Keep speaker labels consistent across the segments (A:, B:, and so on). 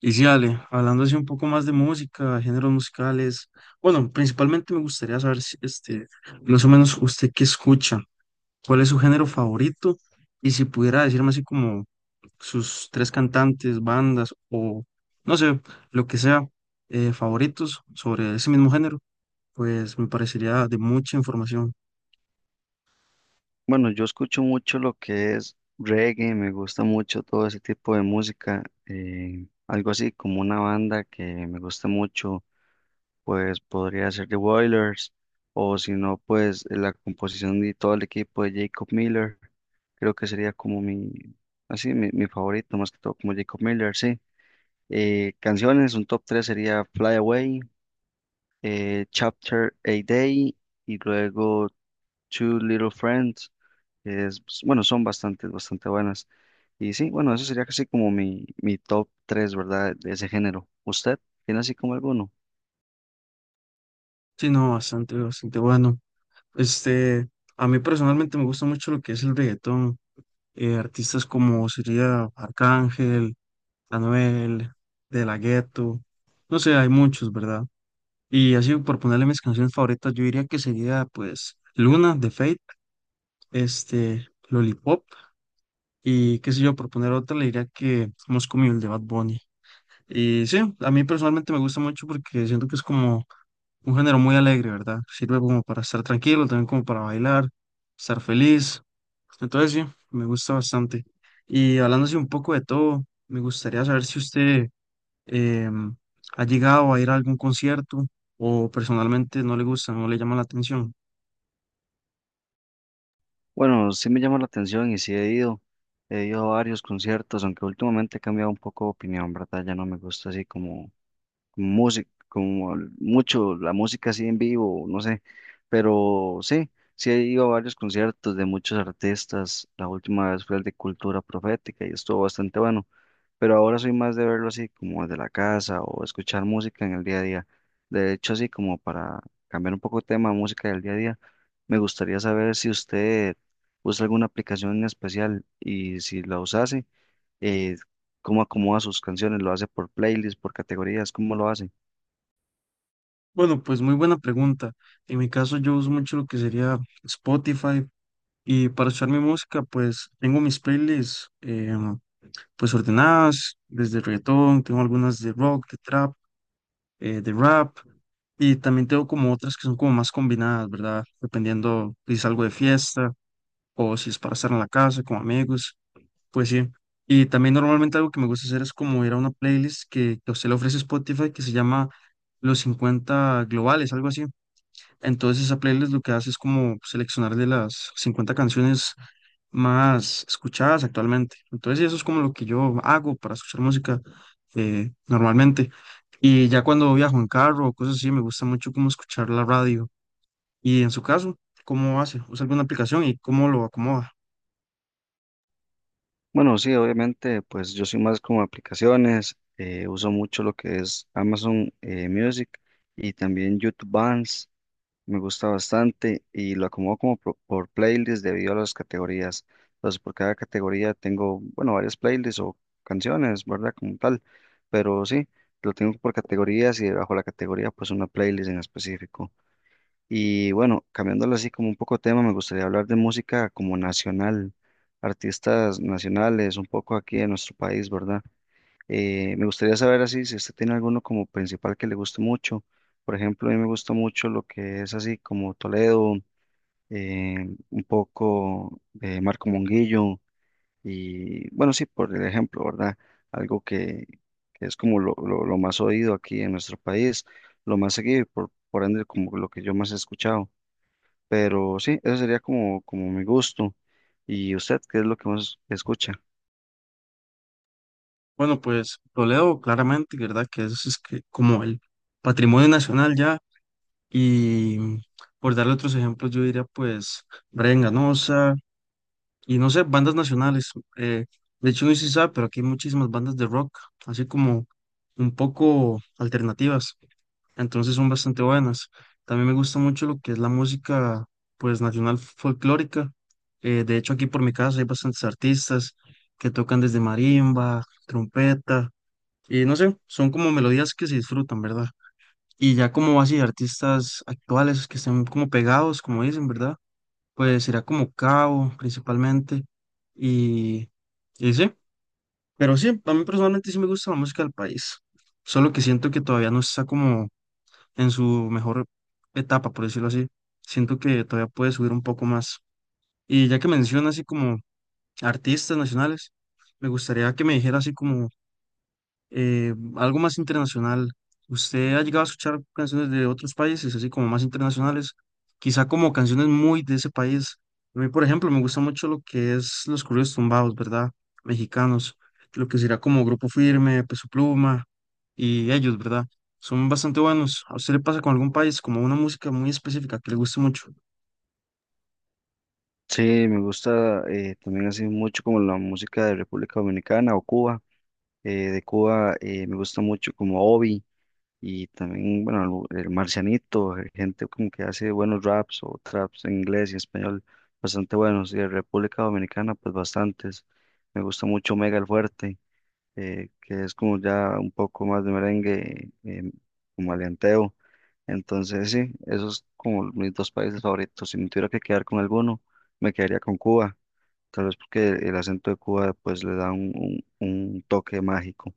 A: Y sí, Ale, hablando así un poco más de música, géneros musicales, bueno, principalmente me gustaría saber si, más o menos usted qué escucha, cuál es su género favorito y si pudiera decirme así como sus tres cantantes, bandas o no sé, lo que sea, favoritos sobre ese mismo género, pues me parecería de mucha información.
B: Bueno, yo escucho mucho lo que es reggae, me gusta mucho todo ese tipo de música, algo así como una banda que me gusta mucho, pues podría ser The Wailers, o si no, pues la composición de todo el equipo de Jacob Miller, creo que sería como mi favorito, más que todo como Jacob Miller, sí. Canciones, un top 3 sería Fly Away, Chapter A Day, y luego Two Little Friends que es, pues, bueno, son bastante, bastante buenas. Y sí, bueno, eso sería casi como mi top tres, ¿verdad? De ese género. ¿Usted tiene así como alguno?
A: Sí, no, bastante, bastante bueno. Este, a mí personalmente me gusta mucho lo que es el reggaetón, artistas como sería Arcángel, Anuel, De La Ghetto, no sé, hay muchos, ¿verdad? Y así por ponerle mis canciones favoritas, yo diría que sería pues Luna de Fate, Lollipop y qué sé yo, por poner otra le diría que Moscow Mule de Bad Bunny. Y sí, a mí personalmente me gusta mucho porque siento que es como un género muy alegre, ¿verdad? Sirve como para estar tranquilo, también como para bailar, estar feliz. Entonces sí, me gusta bastante. Y hablando así un poco de todo, me gustaría saber si usted Em, ¿ha llegado a ir a algún concierto o personalmente no le gusta, no le llama la atención?
B: Bueno, sí me llama la atención y sí he ido a varios conciertos, aunque últimamente he cambiado un poco de opinión, ¿verdad? Ya no me gusta así como música, como mucho la música así en vivo, no sé, pero sí. Sí, he ido a varios conciertos de muchos artistas. La última vez fue el de Cultura Profética y estuvo bastante bueno. Pero ahora soy más de verlo así como desde la casa o escuchar música en el día a día. De hecho, así como para cambiar un poco el tema de música del día a día, me gustaría saber si usted usa alguna aplicación en especial y si la usase, eh, cómo acomoda sus canciones, lo hace por playlists, por categorías, cómo lo hace.
A: Bueno, pues muy buena pregunta. En mi caso yo uso mucho lo que sería Spotify y para escuchar mi música pues tengo mis playlists pues ordenadas, desde reggaetón, tengo algunas de rock, de trap, de rap y también tengo como otras que son como más combinadas, ¿verdad? Dependiendo si salgo de fiesta o si es para estar en la casa con amigos. Pues sí. Y también normalmente algo que me gusta hacer es como ir a una playlist que a usted le ofrece Spotify que se llama Los 50 Globales, algo así. Entonces esa playlist lo que hace es como seleccionar de las 50 canciones más escuchadas actualmente. Entonces sí, eso es como lo que yo hago para escuchar música normalmente. Y ya cuando viajo en carro o cosas así, me gusta mucho como escuchar la radio. Y en su caso, ¿cómo hace? ¿Usa alguna aplicación y cómo lo acomoda?
B: Bueno, sí, obviamente, pues yo soy más como aplicaciones, uso mucho lo que es Amazon Music y también YouTube Bands. Me gusta bastante y lo acomodo como por playlist debido a las categorías. Entonces, por cada categoría tengo, bueno, varias playlists o canciones, ¿verdad? Como tal. Pero sí, lo tengo por categorías y bajo la categoría, pues una playlist en específico. Y bueno, cambiándolo así como un poco de tema, me gustaría hablar de música como nacional, artistas nacionales, un poco aquí en nuestro país, ¿verdad? Me gustaría saber así si usted tiene alguno como principal que le guste mucho. Por ejemplo, a mí me gusta mucho lo que es así como Toledo, un poco de Marco Monguillo y bueno, sí, por el ejemplo, ¿verdad? Algo que es como lo más oído aquí en nuestro país, lo más seguido y por ende como lo que yo más he escuchado. Pero sí, eso sería como mi gusto. ¿Y usted qué es lo que más escucha?
A: Bueno, pues Toledo claramente, ¿verdad? Que eso es que como el patrimonio nacional ya. Y mm, por darle otros ejemplos, yo diría pues Brian Ganosa y no sé, bandas nacionales. eh, de hecho, no sé si sabe, pero aquí hay muchísimas bandas de rock, así como un poco alternativas. Entonces son bastante buenas. También me gusta mucho lo que es la música pues nacional folclórica. De hecho, aquí por mi casa hay bastantes artistas que tocan desde marimba, trompeta. Y no sé, son como melodías que se disfrutan, ¿verdad? Y ya como así artistas actuales que estén como pegados, como dicen, ¿verdad? Pues sería como Cabo principalmente. Y, y sí, pero sí, a mí personalmente sí me gusta la música del país. Solo que siento que todavía no está como en su mejor etapa, por decirlo así. Siento que todavía puede subir un poco más. Y ya que menciona así como artistas nacionales, me gustaría que me dijera así como algo más internacional. ¿Usted ha llegado a escuchar canciones de otros países, así como más internacionales? Quizá como canciones muy de ese país. A mí, por ejemplo, me gusta mucho lo que es los corridos tumbados, ¿verdad? Mexicanos, lo que será como Grupo Firme, Peso Pluma y ellos, ¿verdad? Son bastante buenos. ¿A usted le pasa con algún país como una música muy específica que le guste mucho?
B: Sí, me gusta también así mucho como la música de República Dominicana o Cuba. De Cuba me gusta mucho como Obi y también, bueno, el Marcianito, gente como que hace buenos raps o traps en inglés y español, bastante buenos. Y de República Dominicana, pues bastantes. Me gusta mucho Mega el Fuerte, que es como ya un poco más de merengue, como alianteo. Entonces, sí, esos como mis dos países favoritos. Si me tuviera que quedar con alguno, me quedaría con Cuba. Tal vez porque el acento de Cuba pues le da un toque mágico.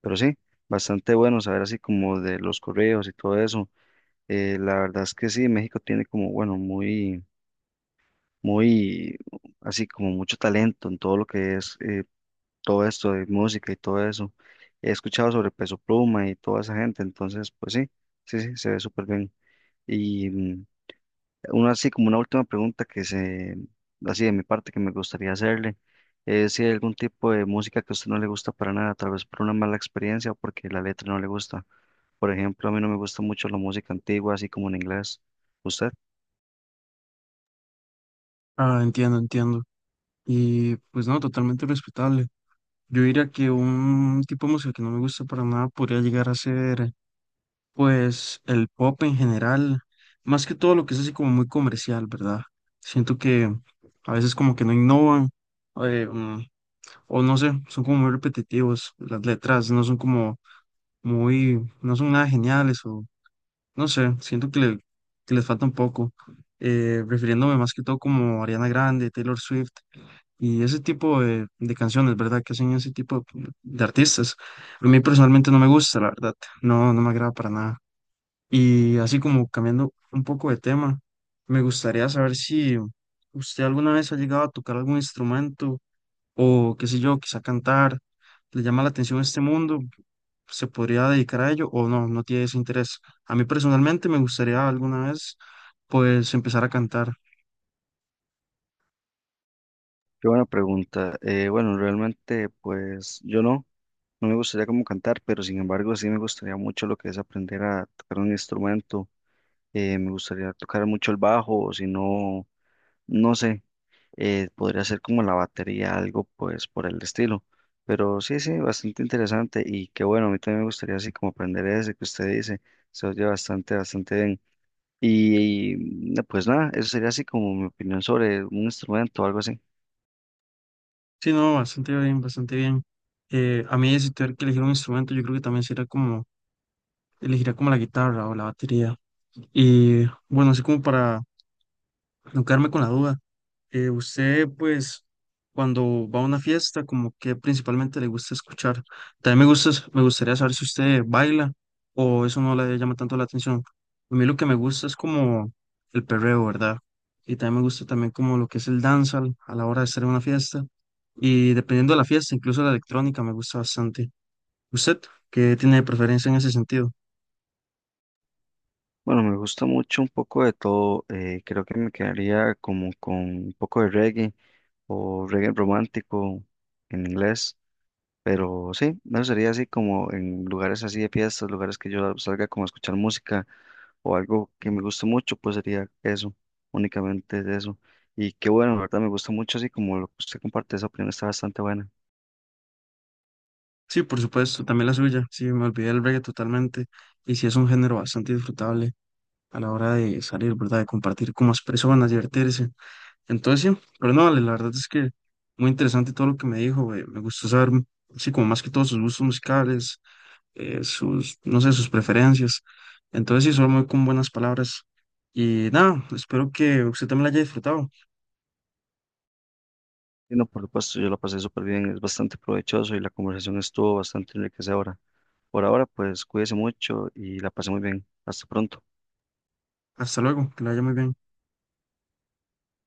B: Pero sí, bastante bueno saber así como de los correos y todo eso. La verdad es que sí, México tiene como, bueno, muy, muy, así como mucho talento en todo lo que es todo esto de música y todo eso. He escuchado sobre Peso Pluma y toda esa gente, entonces pues sí, sí, sí, se ve súper bien. Y una así como una última pregunta que se, así de mi parte que me gustaría hacerle, es si hay algún tipo de música que a usted no le gusta para nada, tal vez por una mala experiencia o porque la letra no le gusta. Por ejemplo, a mí no me gusta mucho la música antigua, así como en inglés. ¿Usted?
A: Ah, entiendo, entiendo. Y pues no, totalmente respetable. Yo diría que un tipo de música que no me gusta para nada podría llegar a ser pues el pop en general, más que todo lo que es así como muy comercial, ¿verdad? Siento que a veces como que no innovan, eh, mm, o no sé, son como muy repetitivos, las letras no son como muy, no son nada geniales, o no sé, siento que, que les falta un poco, refiriéndome más que todo como Ariana Grande, Taylor Swift y ese tipo de canciones, ¿verdad? Que hacen ese tipo de artistas. A mí personalmente no me gusta, la verdad, no, no me agrada para nada. Y así como cambiando un poco de tema, me gustaría saber si usted alguna vez ha llegado a tocar algún instrumento o qué sé yo, quizá cantar, le llama la atención este mundo, se podría dedicar a ello o no, no tiene ese interés. A mí personalmente me gustaría alguna vez pues empezar a cantar.
B: Qué buena pregunta. Bueno, realmente pues yo no me gustaría como cantar, pero sin embargo sí me gustaría mucho lo que es aprender a tocar un instrumento. Me gustaría tocar mucho el bajo, o si no, no sé. Podría ser como la batería, algo pues por el estilo. Pero sí, sí, bastante interesante y que bueno, a mí también me gustaría así como aprender ese que usted dice, se oye bastante, bastante bien. Y no, pues nada, eso sería así como mi opinión sobre un instrumento o algo así.
A: Sí, no, bastante bien, bastante bien. A mí si tuviera que elegir un instrumento, yo creo que también sería como, elegiría como la guitarra o la batería. Y bueno, así como para no quedarme con la duda. Usted, pues, cuando va a una fiesta, como que principalmente le gusta escuchar. También me gusta, me gustaría saber si usted baila o eso no le llama tanto la atención. A mí lo que me gusta es como el perreo, ¿verdad? Y también me gusta también como lo que es el dancehall a la hora de estar en una fiesta. Y dependiendo de la fiesta, incluso la electrónica me gusta bastante. ¿Usted qué tiene de preferencia en ese sentido?
B: Bueno, me gusta mucho un poco de todo, creo que me quedaría como con un poco de reggae o reggae romántico en inglés, pero sí, eso sería así como en lugares así de fiestas, lugares que yo salga como a escuchar música o algo que me guste mucho, pues sería eso, únicamente es eso. Y qué bueno, la verdad me gusta mucho, así como lo que usted comparte, esa opinión está bastante buena.
A: Sí, por supuesto, también la suya. Sí, me olvidé del reggae totalmente. Y sí, es un género bastante disfrutable. A la hora de salir, ¿verdad? De compartir con más personas, divertirse. Entonces, sí, pero no, Ale, la verdad es que muy interesante todo lo que me dijo, me gustó saber, sí, como más que todos sus gustos musicales, sus, no sé, sus preferencias. Entonces, sí, solo muy con buenas palabras. Y nada, espero que usted también la haya disfrutado.
B: Y no, por supuesto, yo la pasé súper bien, es bastante provechoso y la conversación estuvo bastante enriquecedora. Por ahora, pues cuídese mucho y la pasé muy bien. Hasta pronto.
A: Hasta luego, que la haya muy bien.